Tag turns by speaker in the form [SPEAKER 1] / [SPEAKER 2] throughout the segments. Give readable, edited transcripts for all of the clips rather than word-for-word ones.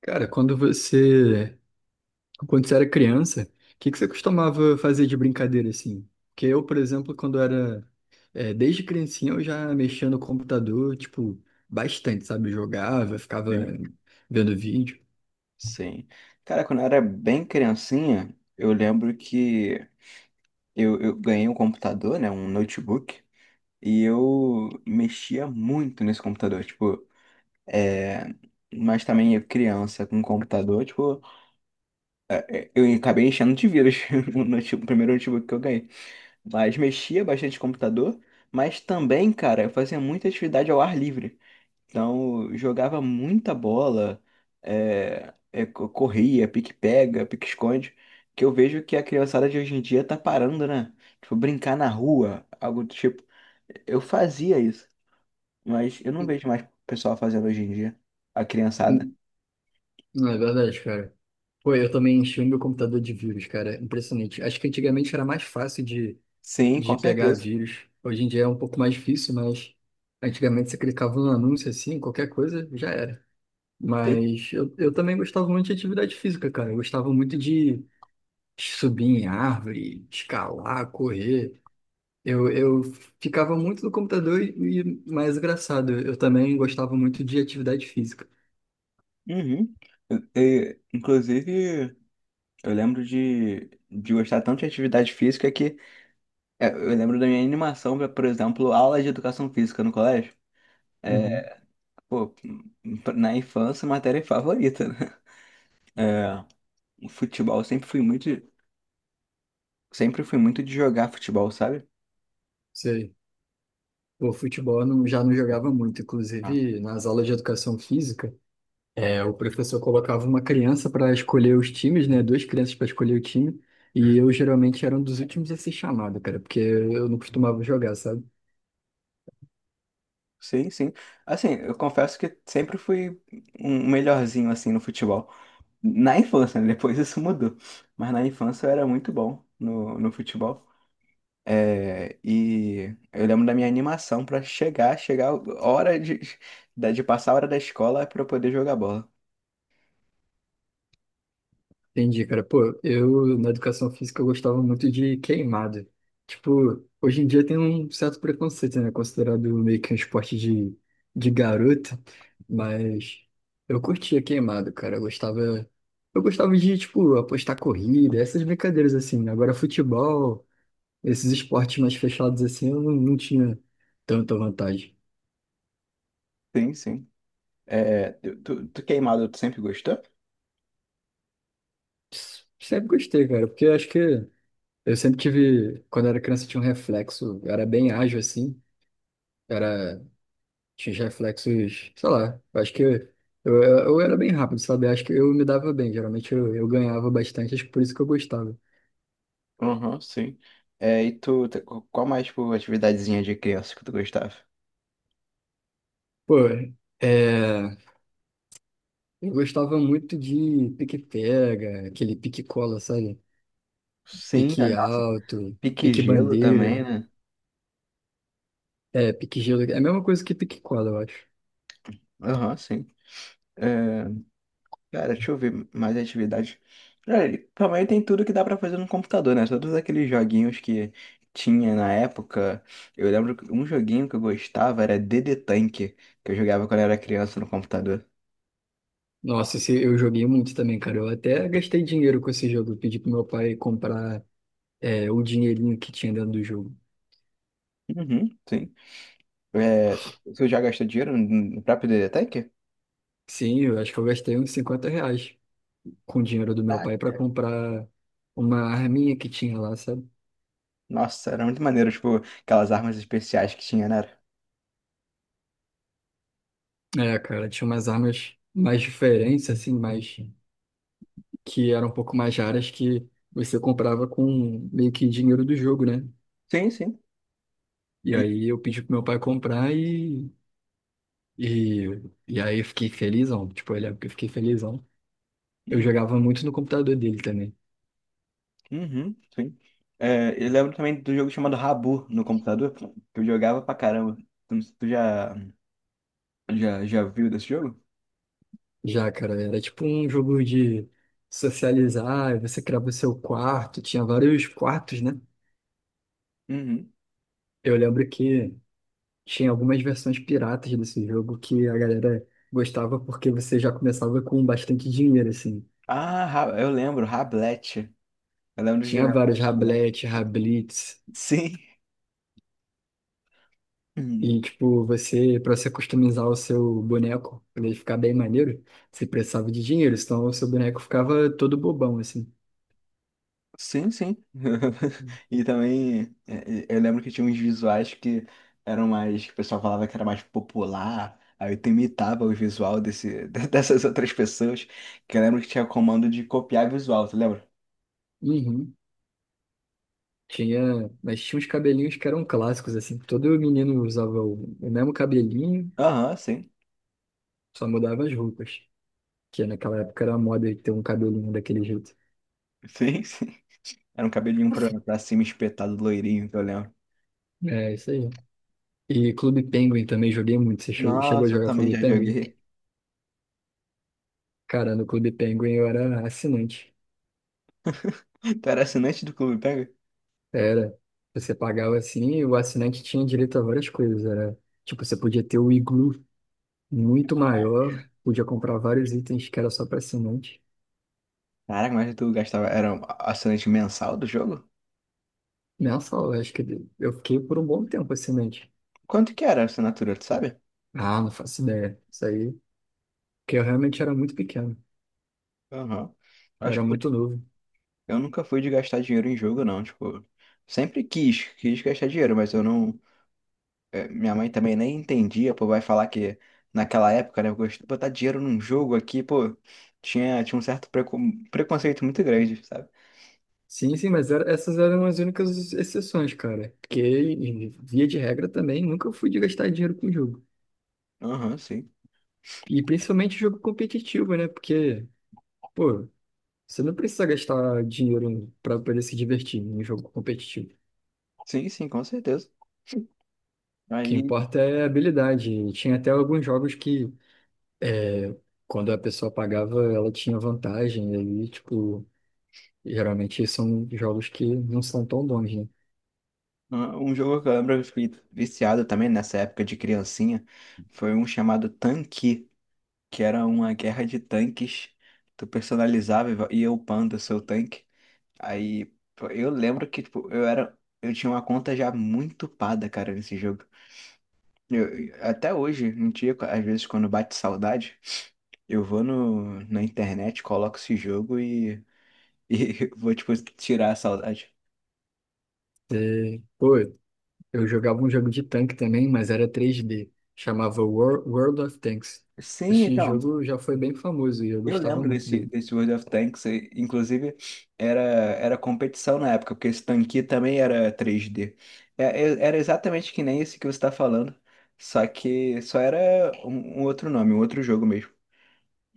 [SPEAKER 1] Cara, quando você era criança, o que que você costumava fazer de brincadeira assim? Porque eu, por exemplo, quando era, desde criancinha eu já mexia no computador, tipo, bastante, sabe? Eu jogava, ficava
[SPEAKER 2] Sim.
[SPEAKER 1] vendo vídeo.
[SPEAKER 2] Sim. Cara, quando eu era bem criancinha, eu lembro que eu ganhei um computador, né? Um notebook. E eu mexia muito nesse computador. Tipo, é... mas também eu criança com computador, tipo, eu acabei enchendo de vírus no primeiro notebook que eu ganhei. Mas mexia bastante no computador, mas também, cara, eu fazia muita atividade ao ar livre. Então, eu jogava muita bola, corria, pique-pega, pique-esconde, que eu vejo que a criançada de hoje em dia tá parando, né? Tipo, brincar na rua, algo do tipo. Eu fazia isso, mas eu não vejo mais o pessoal fazendo hoje em dia, a criançada.
[SPEAKER 1] Hum, Não é verdade, cara. Pô, eu também enchi o meu computador de vírus, cara. Impressionante. Acho que antigamente era mais fácil
[SPEAKER 2] Sim,
[SPEAKER 1] de
[SPEAKER 2] com
[SPEAKER 1] pegar
[SPEAKER 2] certeza.
[SPEAKER 1] vírus. Hoje em dia é um pouco mais difícil, mas antigamente você clicava num anúncio assim, qualquer coisa, já era.
[SPEAKER 2] Sim.
[SPEAKER 1] Mas eu também gostava muito de atividade física, cara. Eu gostava muito de subir em árvore, escalar, correr. Eu ficava muito no computador e mais engraçado, eu também gostava muito de atividade física.
[SPEAKER 2] Uhum. Inclusive, eu lembro de, gostar tanto de atividade física que eu lembro da minha animação pra, por exemplo, aula de educação física no colégio.
[SPEAKER 1] Uhum,
[SPEAKER 2] Pô, na infância, matéria favorita, né? Futebol, eu sempre fui muito de jogar futebol, sabe?
[SPEAKER 1] sei. O futebol eu não, já não jogava muito.
[SPEAKER 2] Ah,
[SPEAKER 1] Inclusive, nas aulas de educação física, o professor colocava uma criança para escolher os times, né? Duas crianças para escolher o time. E eu geralmente era um dos últimos a ser chamado, cara, porque eu não costumava jogar, sabe?
[SPEAKER 2] sim, sim. Assim, eu confesso que sempre fui um melhorzinho assim no futebol. Na infância, né? Depois isso mudou. Mas na infância eu era muito bom no futebol. É, e eu lembro da minha animação pra chegar a hora de, de passar a hora da escola pra eu poder jogar bola.
[SPEAKER 1] Entendi, cara. Pô, eu na educação física eu gostava muito de queimado. Tipo, hoje em dia tem um certo preconceito, né? Considerado meio que um esporte de garota, mas eu curtia queimado, cara. Eu gostava de, tipo, apostar corrida, essas brincadeiras assim, né? Agora, futebol, esses esportes mais fechados assim, eu não, não tinha tanta vantagem.
[SPEAKER 2] Sim, sim. É, tu queimado, tu sempre gostou?
[SPEAKER 1] S- Sempre gostei, cara, porque eu acho que eu sempre tive, quando eu era criança, eu tinha um reflexo, eu era bem ágil assim. Era Tinha os reflexos, sei lá, eu acho que eu era bem rápido, sabe? Eu acho que eu me dava bem, geralmente eu ganhava bastante, acho que por isso que eu gostava.
[SPEAKER 2] Aham, sim. É, e qual mais, tipo, atividadezinha de criança que tu gostava?
[SPEAKER 1] Pô, é, eu gostava muito de pique-pega, aquele pique-cola, sabe?
[SPEAKER 2] Sim, é,
[SPEAKER 1] Pique
[SPEAKER 2] nossa,
[SPEAKER 1] alto,
[SPEAKER 2] pique-gelo
[SPEAKER 1] pique-bandeira,
[SPEAKER 2] também, né?
[SPEAKER 1] pique-gelo, é a mesma coisa que pique-cola, eu acho.
[SPEAKER 2] Aham, sim. É, Cara, deixa eu ver mais atividades. Olha, ele também tem tudo que dá pra fazer no computador, né? Todos aqueles joguinhos que tinha na época. Eu lembro que um joguinho que eu gostava era D D Tank, que eu jogava quando eu era criança no computador.
[SPEAKER 1] Nossa, esse, eu joguei muito também, cara, eu até gastei dinheiro com esse jogo, eu pedi pro meu pai comprar o dinheirinho que tinha dentro do jogo.
[SPEAKER 2] Uhum, sim. É, Você já gastou dinheiro no no próprio D D Tank?
[SPEAKER 1] Sim, eu acho que eu gastei uns 50 reais com o dinheiro do meu pai pra
[SPEAKER 2] Caraca.
[SPEAKER 1] comprar uma arminha que tinha lá, sabe?
[SPEAKER 2] Nossa, era muito maneiro, tipo, aquelas armas especiais que tinha, né?
[SPEAKER 1] É, cara, tinha umas armas mais diferentes, assim, mais que eram um pouco mais raras que você comprava com meio que dinheiro do jogo, né?
[SPEAKER 2] Sim, sim.
[SPEAKER 1] E
[SPEAKER 2] E-
[SPEAKER 1] aí eu pedi pro meu pai comprar e, e aí eu fiquei felizão. Tipo, eu lembro que eu fiquei felizão. Eu
[SPEAKER 2] hum.
[SPEAKER 1] jogava muito no computador dele também.
[SPEAKER 2] Uhum, sim. É, eu lembro também do jogo chamado Rabu no computador, que eu jogava pra caramba. Tu não- tu já, já, já viu desse jogo?
[SPEAKER 1] Já, cara, era tipo um jogo de socializar, você criava o seu quarto, tinha vários quartos, né?
[SPEAKER 2] Uhum.
[SPEAKER 1] Eu lembro que tinha algumas versões piratas desse jogo que a galera gostava porque você já começava com bastante dinheiro, assim.
[SPEAKER 2] Eu lembro, Rablette. Eu lembro de
[SPEAKER 1] Tinha
[SPEAKER 2] jogar
[SPEAKER 1] vários
[SPEAKER 2] Rablette.
[SPEAKER 1] Rablete, Rablitz,
[SPEAKER 2] Sim. Uhum.
[SPEAKER 1] e tipo, você, para você customizar o seu boneco, pra ele ficar bem maneiro, você precisava de dinheiro, senão o seu boneco ficava todo bobão, assim.
[SPEAKER 2] Sim, sim. E também eu lembro que tinha uns visuais que eram mais, que o pessoal falava que era mais popular. Aí tu imitava dessas outras pessoas. Que eu lembro que tinha comando de copiar visual, tu lembra?
[SPEAKER 1] Uhum. Tinha, mas tinha uns cabelinhos que eram clássicos, assim. Todo menino usava o mesmo cabelinho,
[SPEAKER 2] Aham, sim.
[SPEAKER 1] só mudava as roupas. Que naquela época era moda ter um cabelinho daquele jeito.
[SPEAKER 2] Sim, sim. Era um cabelinho pra cima espetado, loirinho, que eu lembro.
[SPEAKER 1] É, isso aí. E Clube Penguin também joguei muito. Você chegou a
[SPEAKER 2] Nossa, eu
[SPEAKER 1] jogar
[SPEAKER 2] também
[SPEAKER 1] Clube
[SPEAKER 2] já
[SPEAKER 1] Penguin?
[SPEAKER 2] joguei.
[SPEAKER 1] Cara, no Clube Penguin eu era assinante.
[SPEAKER 2] Tu era assinante do Clube Pega?
[SPEAKER 1] Era. Você pagava assim e o assinante tinha direito a várias coisas. Era, tipo, você podia ter o iglu muito maior, podia comprar vários itens que era só para assinante.
[SPEAKER 2] Caraca, mas tu gastava. Era um assinante mensal do jogo?
[SPEAKER 1] Nessa aula, acho que eu fiquei por um bom tempo assinante.
[SPEAKER 2] Quanto que era a assinatura, tu sabe?
[SPEAKER 1] Ah, não faço ideia. Isso aí. Porque eu realmente era muito pequeno.
[SPEAKER 2] Aham.
[SPEAKER 1] Eu
[SPEAKER 2] Acho
[SPEAKER 1] era
[SPEAKER 2] que
[SPEAKER 1] muito novo.
[SPEAKER 2] eu nunca fui de gastar dinheiro em jogo, não. Tipo, sempre quis gastar dinheiro, mas eu não. Minha mãe também nem entendia, pô, vai falar que naquela época, né, eu gostei de botar dinheiro num jogo aqui, pô, tinha um certo preconceito muito grande, sabe?
[SPEAKER 1] Sim, sim, mas era, essas eram as únicas exceções, cara. Porque, e- via de regra, também nunca fui de gastar dinheiro com jogo.
[SPEAKER 2] Aham, sim.
[SPEAKER 1] E principalmente jogo competitivo, né? Porque, pô, você não precisa gastar dinheiro pra poder se divertir em um jogo competitivo. O
[SPEAKER 2] Sim, sim, com certeza.
[SPEAKER 1] que
[SPEAKER 2] Aí,
[SPEAKER 1] importa é a habilidade. E tinha até alguns jogos que, é, quando a pessoa pagava, ela tinha vantagem. E aí, tipo, geralmente são jogos que não são tão bons, né?
[SPEAKER 2] Um jogo que eu lembro que eu fiquei viciado também nessa época de criancinha foi um chamado Tanque, que era uma guerra de tanques. Tu personalizava e ia upando o seu tanque. Aí, pô, eu lembro que, tipo, eu tinha uma conta já muito upada, cara, nesse jogo. Até hoje, um dia, às vezes, quando bate saudade, eu vou no, na internet, coloco esse jogo e, e vou, tipo, tirar a saudade.
[SPEAKER 1] É, Pô, Eu jogava um jogo de tanque também, mas era 3D. Chamava Wor- World of Tanks.
[SPEAKER 2] Sim,
[SPEAKER 1] Esse
[SPEAKER 2] então.
[SPEAKER 1] jogo já foi bem famoso e eu
[SPEAKER 2] Eu
[SPEAKER 1] gostava
[SPEAKER 2] lembro
[SPEAKER 1] muito dele.
[SPEAKER 2] desse World of Tanks, e, inclusive era competição na época, porque esse tanque também era 3D. Era exatamente que nem esse que você está falando, só que só era um outro nome, um outro jogo mesmo.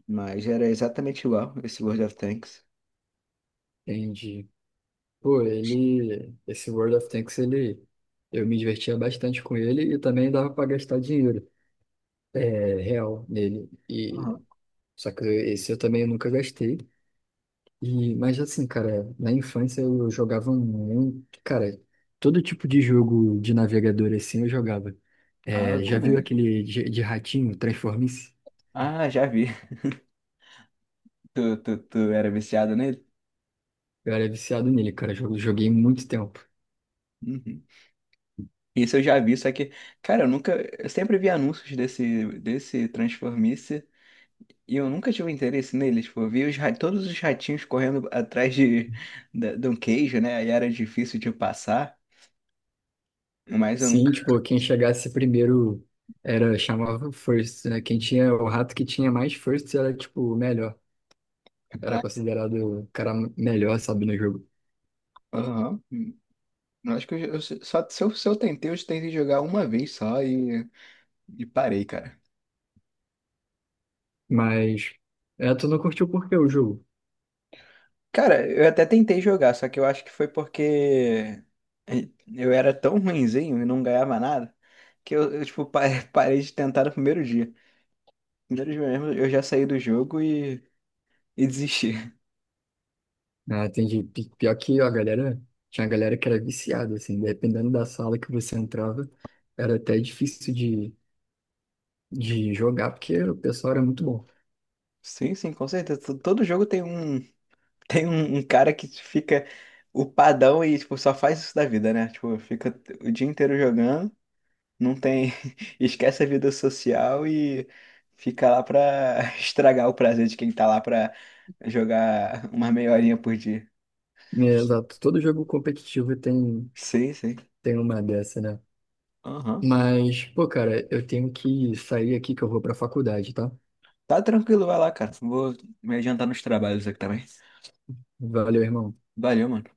[SPEAKER 2] Mas era exatamente igual esse World of Tanks.
[SPEAKER 1] Entendi. Pô, ele. Esse World of Tanks, ele. Eu me divertia bastante com ele e também dava pra gastar dinheiro. É, real nele. E...
[SPEAKER 2] Uhum.
[SPEAKER 1] só que esse eu também nunca gastei. E, mas assim, cara, na infância eu jogava muito, cara, todo tipo de jogo de navegador assim eu jogava.
[SPEAKER 2] Ah, eu
[SPEAKER 1] É, já viu
[SPEAKER 2] também.
[SPEAKER 1] aquele de ratinho, Transformice?
[SPEAKER 2] Ah, já vi. Tu era viciado nele?
[SPEAKER 1] Eu era viciado nele, cara, jogo joguei muito tempo.
[SPEAKER 2] Uhum. Isso eu já vi, só que, cara, eu nunca. Eu sempre vi anúncios desse Transformice. E eu nunca tive interesse nele, tipo, eu vi todos os ratinhos correndo atrás de um queijo, né? Aí era difícil de passar, mas eu nunca.
[SPEAKER 1] Sim, tipo, quem chegasse primeiro era, chamava o first, né? Quem tinha, o rato que tinha mais first era, tipo, o melhor. Era
[SPEAKER 2] Caraca.
[SPEAKER 1] considerado o cara melhor, sabe, no jogo.
[SPEAKER 2] Aham. Eu acho que eu só se eu, se eu tentei, jogar uma vez só e parei, cara.
[SPEAKER 1] Mas, tu não curtiu por quê o jogo?
[SPEAKER 2] Cara, eu até tentei jogar, só que eu acho que foi porque é, eu era tão ruinzinho e não ganhava nada que tipo, parei de tentar no primeiro dia. No primeiro dia mesmo, eu já saí do jogo e desisti.
[SPEAKER 1] Ah, entendi. Pi- Pior que ó, a galera, tinha a galera que era viciada, assim, dependendo da sala que você entrava, era até difícil de jogar, porque o pessoal era muito bom.
[SPEAKER 2] Sim, sim, com certeza. Todo jogo tem um tem um cara que fica o padrão e tipo só faz isso da vida, né? Tipo, fica o dia inteiro jogando, não tem esquece a vida social e fica lá pra estragar o prazer de quem tá lá pra jogar uma meia horinha por dia.
[SPEAKER 1] É, exato, todo jogo competitivo tem,
[SPEAKER 2] Sim, sim.
[SPEAKER 1] tem uma dessa, né?
[SPEAKER 2] Aham.
[SPEAKER 1] Mas, pô, cara, eu tenho que sair aqui que eu vou pra faculdade, tá?
[SPEAKER 2] Tá tranquilo, vai lá, cara. Vou me adiantar nos trabalhos aqui também.
[SPEAKER 1] Valeu, irmão.
[SPEAKER 2] Valeu, mano.